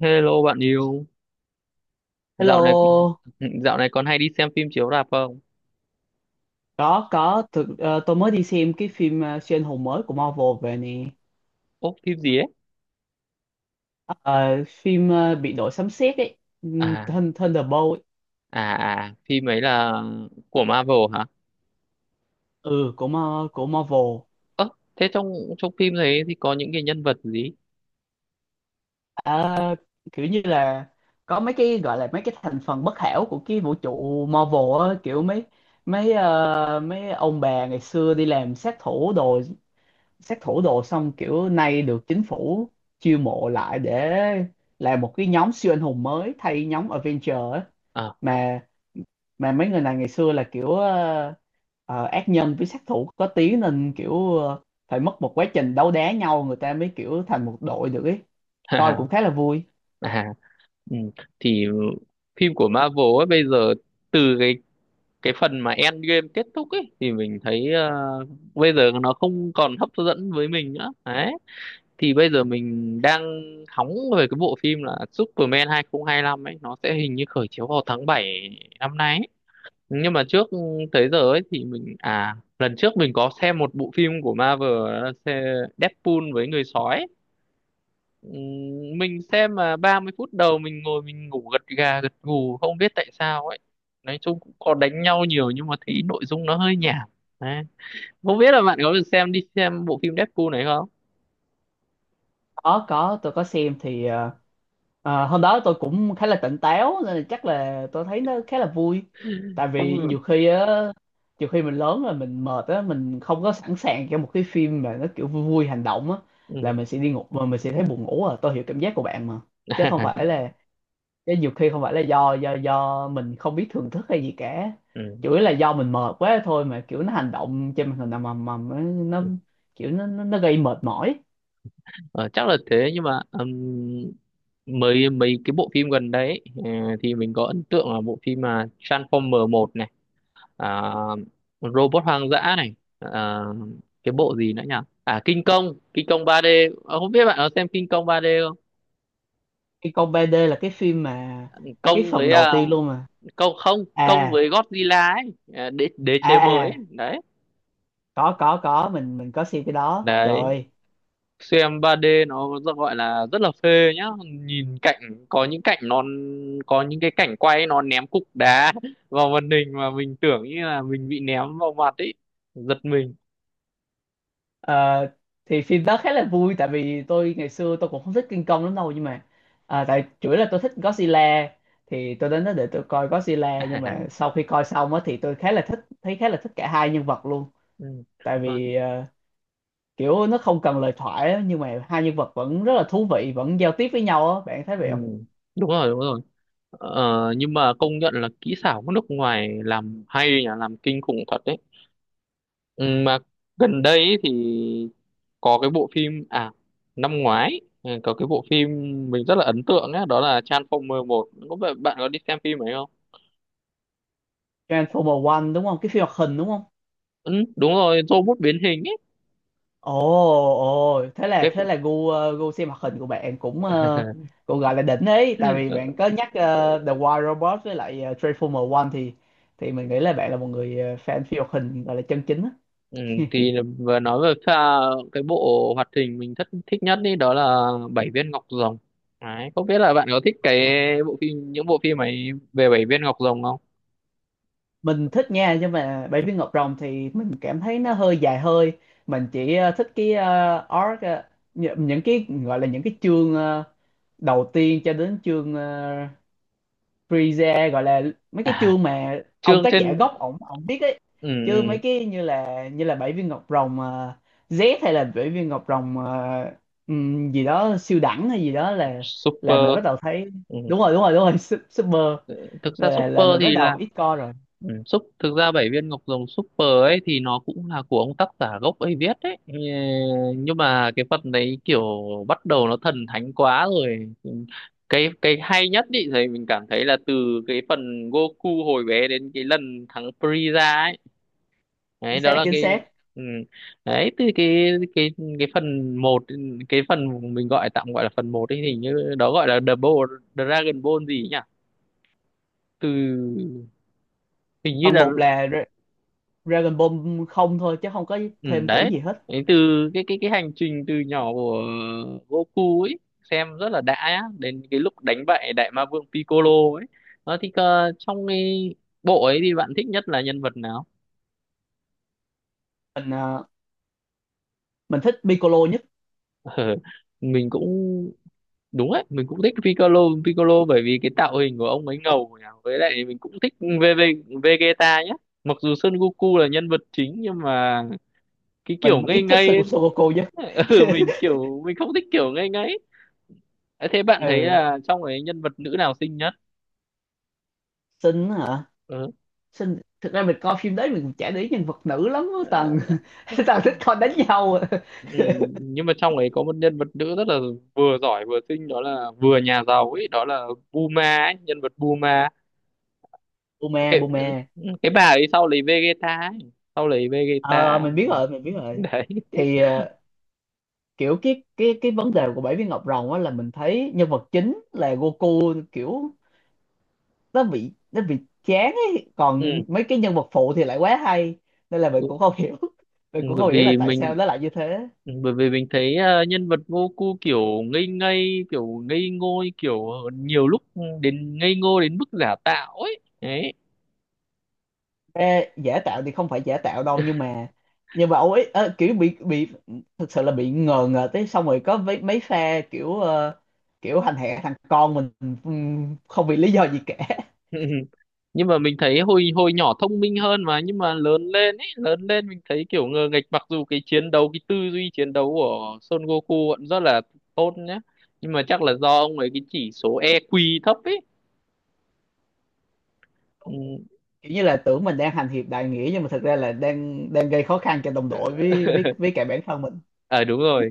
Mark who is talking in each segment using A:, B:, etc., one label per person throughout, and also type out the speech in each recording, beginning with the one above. A: Hello bạn yêu, dạo này
B: Hello,
A: dạo này còn hay đi xem phim chiếu rạp không?
B: có thực tôi mới đi xem cái phim siêu anh hùng mới của Marvel về nè.
A: Ố, phim gì ấy?
B: Ờ, phim bị đội sấm sét ấy,
A: À,
B: Thunderbolt ấy.
A: à, à, phim ấy là của Marvel hả?
B: Ừ của Marvel.
A: Ơ, thế trong trong phim đấy thì có những cái nhân vật gì?
B: Ờ, kiểu như là có mấy cái gọi là mấy cái thành phần bất hảo của cái vũ trụ Marvel á, kiểu mấy mấy ờ, mấy ông bà ngày xưa đi làm sát thủ đồ xong kiểu nay được chính phủ chiêu mộ lại để làm một cái nhóm siêu anh hùng mới thay nhóm Avenger ấy,
A: Ờ.
B: mà mà mấy người này ngày xưa là kiểu ác nhân với sát thủ có tiếng nên kiểu phải mất một quá trình đấu đá nhau người ta mới kiểu thành một đội được ấy, coi
A: À.
B: cũng khá là vui.
A: À. Ừ. Thì phim của Marvel ấy bây giờ từ cái phần mà Endgame kết thúc ấy thì mình thấy bây giờ nó không còn hấp dẫn với mình nữa. Đấy. Thì bây giờ mình đang hóng về cái bộ phim là Superman 2025 ấy, nó sẽ hình như khởi chiếu vào tháng 7 năm nay ấy. Nhưng mà trước tới giờ ấy thì mình à, lần trước mình có xem một bộ phim của Marvel, đó là Deadpool với người sói ấy. Mình xem mà 30 phút đầu mình ngồi mình ngủ gật gà gật gù không biết tại sao ấy, nói chung cũng có đánh nhau nhiều nhưng mà thấy nội dung nó hơi nhảm. Đấy. Không biết là bạn có được xem đi xem bộ phim Deadpool này không
B: Có tôi có xem thì hôm đó tôi cũng khá là tỉnh táo nên là chắc là tôi thấy nó khá là vui, tại vì nhiều
A: không
B: khi á, nhiều khi mình lớn rồi mình mệt á, mình không có sẵn sàng cho một cái phim mà nó kiểu vui vui hành động á, là
A: Ừ.
B: mình sẽ đi ngủ mà mình sẽ thấy buồn ngủ, à tôi hiểu cảm giác của bạn mà. chứ không phải là Chứ nhiều khi không phải là do mình không biết thưởng thức hay gì cả,
A: Ừ.
B: chủ yếu là do mình mệt quá thôi, mà kiểu nó hành động trên màn hình ầm ầm ầm ấy, nó kiểu nó gây mệt mỏi.
A: Ờ, chắc là thế nhưng mà mấy mấy cái bộ phim gần đấy ấy, ờ, thì mình có ấn tượng là bộ phim mà Transformer một này, à, Robot hoang dã này, à, cái bộ gì nữa nhỉ, à, King Kong, King Kong 3D. Ờ, không biết bạn có xem King Kong 3D không.
B: Cái con 3D là cái phim mà cái
A: Kong
B: phần
A: với
B: đầu
A: à,
B: tiên luôn mà.
A: Kong, không, Kong
B: à
A: với Godzilla ấy, à, đế đế
B: à
A: chế mới ấy.
B: à
A: Đấy.
B: có mình có xem cái đó, trời
A: Đấy,
B: ơi.
A: xem 3D nó rất là phê nhá. Nhìn cảnh có những cái cảnh quay nó ném cục đá vào màn hình mà mình tưởng như là mình bị ném vào mặt ấy, giật mình.
B: Ờ, thì phim đó khá là vui, tại vì tôi ngày xưa tôi cũng không thích King Kong lắm đâu, nhưng mà tại chủ yếu là tôi thích Godzilla, thì tôi đến đó để tôi coi Godzilla, nhưng mà sau khi coi xong á thì tôi khá là thích, thấy khá là thích cả hai nhân vật luôn.
A: Ừ.
B: Tại
A: Còn-
B: vì kiểu nó không cần lời thoại á, nhưng mà hai nhân vật vẫn rất là thú vị, vẫn giao tiếp với nhau á, bạn thấy
A: ừ,
B: vậy không?
A: đúng rồi đúng rồi, ờ, nhưng mà công nhận là kỹ xảo của nước ngoài làm hay nhỉ, làm kinh khủng thật đấy. Ừ, mà gần đây ấy thì có cái bộ phim, à, năm ngoái, ừ, có cái bộ phim mình rất là ấn tượng ấy, đó là Transformer một, có bạn bạn có đi xem phim ấy không?
B: Transformer One đúng không? Cái phim hoạt hình đúng không?
A: Ừ, đúng rồi, robot biến hình ấy.
B: Ồ, ồ, thế
A: cái
B: là gu xem hoạt hình của bạn cũng cũng gọi là đỉnh ấy, tại vì bạn có nhắc The Wild Robot với lại Transformer One, thì mình nghĩ là bạn là một người fan phim hoạt hình gọi là chân chính á.
A: ừ, thì vừa nói về pha cái bộ hoạt hình mình thất thích nhất đi, đó là Bảy viên ngọc rồng. Đấy, không biết là bạn có thích cái bộ phim, những bộ phim ấy về Bảy viên ngọc rồng không?
B: Mình thích nha, nhưng mà Bảy viên ngọc rồng thì mình cảm thấy nó hơi dài hơi. Mình chỉ thích cái arc, những cái gọi là những cái chương đầu tiên cho đến chương freeze, gọi là mấy cái
A: À,
B: chương mà ông
A: chương
B: tác giả
A: trên.
B: gốc ổng ổng viết ấy.
A: Ừ,
B: Chứ mấy
A: ừ,
B: cái như là bảy viên ngọc rồng Z, hay là bảy viên ngọc rồng gì đó siêu đẳng hay gì đó, là mình
A: super.
B: bắt đầu thấy,
A: Ừ,
B: đúng rồi đúng rồi đúng rồi, super,
A: thực ra
B: là
A: super
B: mình bắt
A: thì
B: đầu
A: là
B: ít coi rồi.
A: ừ, súp, thực ra bảy viên ngọc rồng super ấy thì nó cũng là của ông tác giả gốc ấy viết đấy. Ừ, nhưng mà cái phần đấy kiểu bắt đầu nó thần thánh quá rồi. Cái hay nhất ý thì mình cảm thấy là từ cái phần Goku hồi bé đến cái lần thắng Frieza ấy. Đấy
B: Chính
A: đó
B: xác,
A: là
B: chính
A: cái,
B: xác.
A: ừ. Đấy từ cái phần một, cái phần mình gọi tạm gọi là phần một ấy thì như đó gọi là Double Dragon Ball gì nhỉ, từ hình như
B: Phần
A: là...
B: một là Dragon Ball không thôi, chứ không có
A: Ừ,
B: thêm chữ
A: đấy.
B: gì hết.
A: Đấy, từ cái hành trình từ nhỏ của Goku ấy xem rất là đã á, đến cái lúc đánh bại đại ma vương Piccolo ấy. Đó thì trong cái bộ ấy thì bạn thích nhất là nhân vật nào?
B: mình ờ, mình thích Piccolo nhất.
A: Ờ, mình cũng, đúng đấy, mình cũng thích Piccolo. Piccolo bởi vì cái tạo hình của ông ấy ngầu nhỉ, với lại mình cũng thích Vegeta nhé, mặc dù Son Goku là nhân vật chính nhưng mà cái kiểu
B: Mình
A: ngây
B: ít thích
A: ngây
B: Son
A: ấy,
B: Goku nhất.
A: ừ, mình kiểu mình không thích kiểu ngây ngây. Thế thế bạn thấy
B: Ừ,
A: là trong ấy nhân vật nữ nào xinh nhất?
B: xinh hả?
A: Ừ.
B: Xin, thực ra mình coi phim đấy mình cũng chả để ý nhân vật nữ lắm á
A: Ờ,
B: Tần. Tần thích coi đánh nhau à.
A: ừ. Nhưng mà trong ấy có một nhân vật nữ rất là vừa giỏi vừa xinh, đó là vừa nhà giàu ấy, đó là Bulma ấy, nhân vật Bulma.
B: Bume,
A: Cái
B: Bume,
A: cái bà ấy sau lấy Vegeta ấy, sau lấy
B: ờ
A: Vegeta.
B: mình biết rồi, mình biết rồi.
A: Đấy.
B: Thì kiểu cái vấn đề của Bảy Viên Ngọc Rồng á, là mình thấy nhân vật chính là Goku kiểu nó bị chán ấy,
A: Ừ.
B: còn mấy cái nhân vật phụ thì lại quá hay, nên là mình
A: Ừ,
B: cũng không hiểu,
A: ừ.
B: mình cũng
A: Bởi
B: không hiểu là
A: vì
B: tại
A: mình
B: sao nó lại như thế.
A: ừ, bởi vì mình thấy nhân vật Goku kiểu ngây ngây, kiểu ngây ngô kiểu nhiều lúc, ừ, đến ngây ngô đến mức giả tạo ấy. Đấy.
B: Ê, giả tạo thì không phải giả tạo đâu, nhưng mà ông ấy kiểu bị thực sự là bị ngờ ngờ tới, xong rồi có mấy mấy pha kiểu hành hạ thằng con mình, không vì lý do gì cả,
A: Nhưng mà mình thấy hồi hồi nhỏ thông minh hơn mà, nhưng mà lớn lên ấy, lớn lên mình thấy kiểu ngờ nghệch, mặc dù cái chiến đấu cái tư duy chiến đấu của Son Goku vẫn rất là tốt nhá, nhưng mà chắc là do ông ấy cái chỉ số EQ thấp ấy. Ừ.
B: kiểu như là tưởng mình đang hành hiệp đại nghĩa, nhưng mà thực ra là đang đang gây khó khăn cho đồng đội với với cả bản thân mình.
A: À, đúng rồi.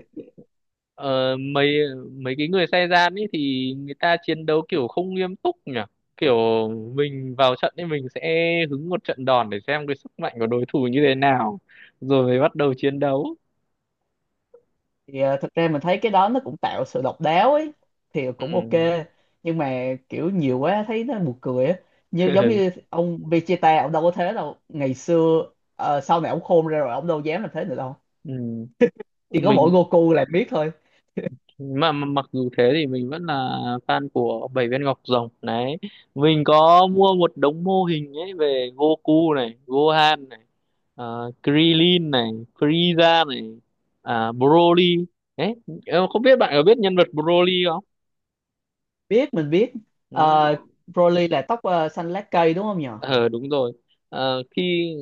A: Ờ, mấy mấy cái người Saiyan ấy thì người ta chiến đấu kiểu không nghiêm túc nhỉ, kiểu mình vào trận thì mình sẽ hứng một trận đòn để xem cái sức mạnh của đối thủ như thế nào rồi mới bắt đầu chiến đấu.
B: Thì thực ra mình thấy cái đó nó cũng tạo sự độc đáo ấy, thì
A: Ừ.
B: cũng ok, nhưng mà kiểu nhiều quá thấy nó buồn cười á, như giống như ông Vegeta ông đâu có thế đâu ngày xưa. Ờ, sau này ông khôn ra rồi ông đâu dám làm thế nữa đâu,
A: Ừ.
B: chỉ có mỗi
A: mình
B: Goku là biết thôi.
A: mà mặc dù thế thì mình vẫn là fan của Bảy Viên Ngọc Rồng đấy, mình có mua một đống mô hình ấy về Goku này, Gohan này, Krillin này, Frieza này, à, Broly. Đấy, em không biết bạn có biết nhân vật Broly không.
B: Mình biết. Ờ,
A: Ừ.
B: Broly là tóc xanh lá cây đúng không nhỉ?
A: Ờ, đúng rồi. Ờ, khi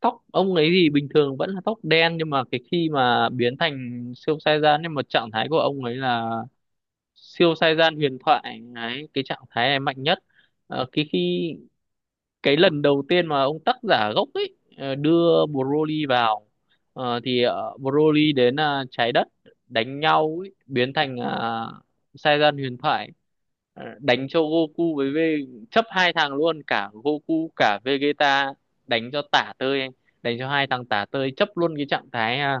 A: Tóc ông ấy thì bình thường vẫn là tóc đen nhưng mà cái khi mà biến thành siêu Saiyan, nhưng mà trạng thái của ông ấy là siêu sai gian huyền thoại ấy, cái trạng thái này mạnh nhất. Ờ, cái lần đầu tiên mà ông tác giả gốc ấy đưa Broly vào, thì Broly đến trái đất đánh nhau ấy, biến thành sai gian huyền thoại. Ờ, đánh cho Goku với V chấp hai thằng luôn cả Goku cả Vegeta, đánh cho tả tơi, đánh cho hai thằng tả tơi chấp luôn cái trạng thái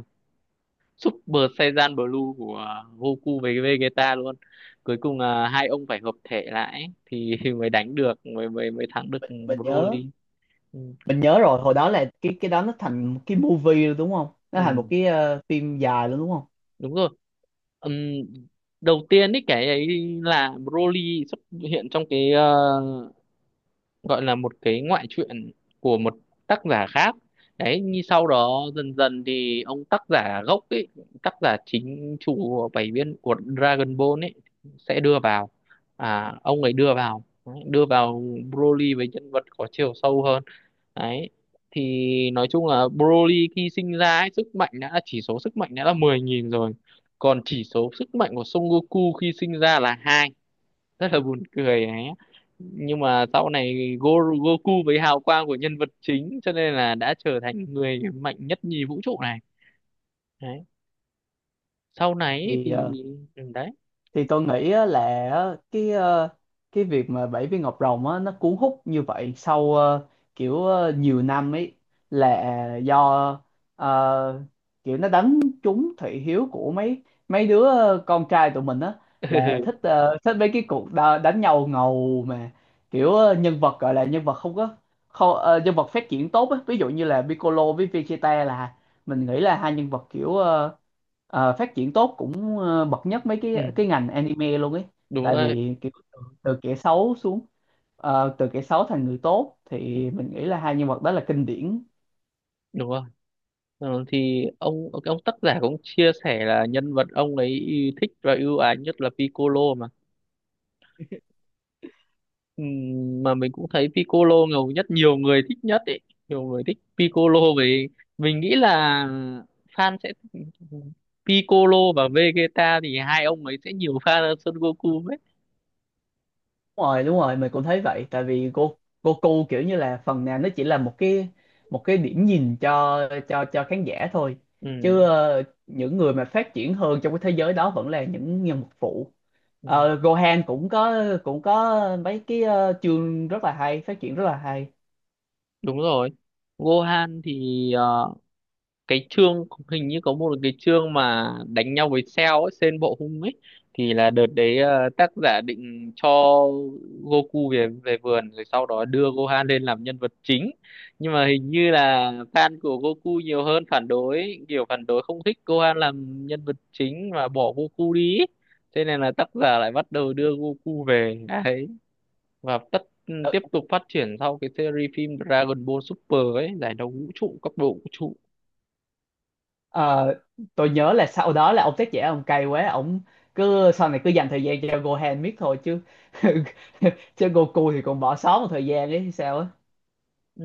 A: Super Saiyan Blue của à, Goku với Vegeta luôn. Cuối cùng là hai ông phải hợp thể lại ấy, thì mới đánh được, mới mới mới thắng được
B: mình mình nhớ
A: Broly. Ừ,
B: mình nhớ rồi, hồi đó là cái đó nó thành một cái movie rồi đúng không, nó thành một
A: ừ,
B: cái phim dài luôn đúng không?
A: đúng rồi. Ừm, đầu tiên ấy cái ấy là Broly xuất hiện trong cái à, gọi là một cái ngoại truyện của một tác giả khác đấy, như sau đó dần dần thì ông tác giả gốc ấy, tác giả chính chủ của bảy viên của Dragon Ball ấy sẽ đưa vào, à, ông ấy đưa vào đấy, đưa vào Broly với nhân vật có chiều sâu hơn đấy. Thì nói chung là Broly khi sinh ra ấy, sức mạnh đã chỉ số sức mạnh đã là 10.000 rồi, còn chỉ số sức mạnh của Son Goku khi sinh ra là hai. Rất là buồn cười ấy, nhưng mà sau này Goku với hào quang của nhân vật chính cho nên là đã trở thành người mạnh nhất nhì vũ trụ này. Đấy, sau này ý
B: thì ờ,
A: thì ừ, đấy.
B: thì tôi nghĩ á là á, cái ờ, cái việc mà Bảy Viên Ngọc Rồng á, nó cuốn hút như vậy sau nhiều năm ấy, là do ờ, kiểu nó đánh trúng thị hiếu của mấy mấy đứa con trai tụi mình á, là thích thích mấy cái đánh nhau ngầu, mà kiểu nhân vật gọi là nhân vật không có không, ờ, nhân vật phát triển tốt á, ví dụ như là Piccolo với Vegeta, là mình nghĩ là hai nhân vật phát triển tốt cũng bậc nhất mấy
A: Ừ,
B: cái ngành anime luôn ấy,
A: đúng
B: tại
A: rồi.
B: vì kiểu từ kẻ xấu xuống, từ kẻ xấu thành người tốt, thì
A: Ừ,
B: mình nghĩ là hai nhân vật đó là kinh điển.
A: đúng rồi. Ờ, thì ông tác giả cũng chia sẻ là nhân vật ông ấy thích và ưu ái nhất là Piccolo mà. Mà mình cũng thấy Piccolo ngầu nhất, nhiều người thích nhất ấy, nhiều người thích Piccolo. Về mình nghĩ là fan sẽ, Piccolo và Vegeta thì hai ông ấy sẽ nhiều fan hơn Son Goku ấy.
B: Đúng rồi, mình cũng thấy vậy, tại vì Goku kiểu như là phần nào nó chỉ là một cái điểm nhìn cho cho khán giả thôi. Chứ
A: Ừm,
B: những người mà phát triển hơn trong cái thế giới đó vẫn là những nhân vật phụ.
A: ừm,
B: Ờ, Gohan cũng có mấy cái chương rất là hay, phát triển rất là hay.
A: đúng rồi. Gohan thì ờ, cái chương hình như có một cái chương mà đánh nhau với Cell ấy, Sen Bộ Hung ấy, thì là đợt đấy tác giả định cho Goku về về vườn rồi sau đó đưa Gohan lên làm nhân vật chính, nhưng mà hình như là fan của Goku nhiều hơn phản đối, kiểu phản đối không thích Gohan làm nhân vật chính và bỏ Goku đi ấy. Thế nên là tác giả lại bắt đầu đưa Goku về đấy và
B: Ờ,
A: tiếp tục phát triển sau cái series phim Dragon Ball Super ấy, giải đấu vũ trụ cấp độ vũ trụ.
B: Ờ, tôi nhớ là sau đó là ông tác giả ông cay quá, ông sau này cứ dành thời gian cho Gohan miết thôi, chứ chứ Goku thì còn bỏ sót một thời gian đấy sao á.
A: Ừ,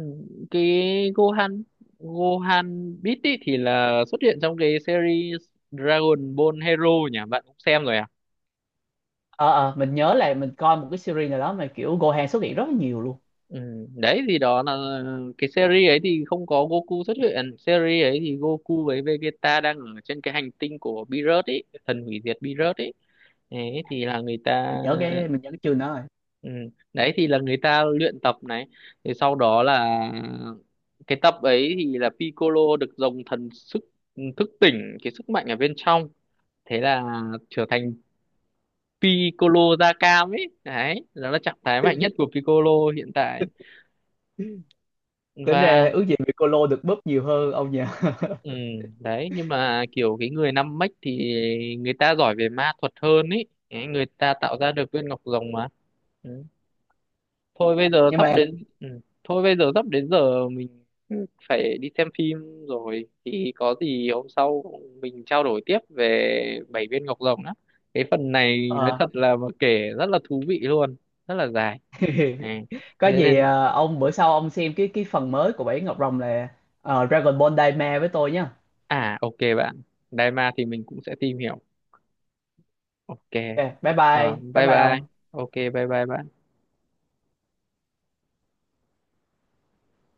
A: cái Gohan Gohan Beat ý thì là xuất hiện trong cái series Dragon Ball Hero nhỉ, bạn cũng xem rồi à.
B: Ờ, mình nhớ là mình coi một cái series nào đó mà kiểu Gohan xuất hiện rất là nhiều luôn.
A: Ừ, đấy thì đó là cái series ấy thì không có Goku xuất hiện, series ấy thì Goku với Vegeta đang ở trên cái hành tinh của Beerus ấy, thần hủy diệt Beerus ấy. Đấy thì là người ta
B: Mình nhớ cái chương đó rồi.
A: ừ, đấy thì là người ta luyện tập này, thì sau đó là cái tập ấy thì là Piccolo được dòng thần sức thức tỉnh cái sức mạnh ở bên trong, thế là trở thành Piccolo da cam ấy, đấy đó là trạng thái mạnh nhất của Piccolo hiện tại.
B: Tính ra
A: Và
B: ước gì bị cô Lô được búp nhiều hơn ông nhỉ.
A: ừ, đấy. Nhưng mà kiểu cái người năm mech thì người ta giỏi về ma thuật hơn ấy, đấy, người ta tạo ra được viên ngọc rồng mà. Ừ. thôi bây giờ
B: Nhưng
A: sắp
B: mà
A: đến ừ. Thôi bây giờ sắp đến giờ mình phải đi xem phim rồi, thì có gì hôm sau mình trao đổi tiếp về bảy viên ngọc rồng đó, cái phần này nói
B: ờ,
A: thật là mà kể rất là thú vị luôn, rất là dài. À,
B: có
A: thế
B: gì
A: nên,
B: ông bữa sau ông xem cái phần mới của Bảy Ngọc Rồng là Dragon Ball Daima với tôi nhá.
A: à, ok bạn. Đài ma thì mình cũng sẽ tìm hiểu. Ok.
B: Ok,
A: Ờ,
B: bye
A: bye
B: bye
A: bye.
B: ông.
A: Ok bye bye bạn.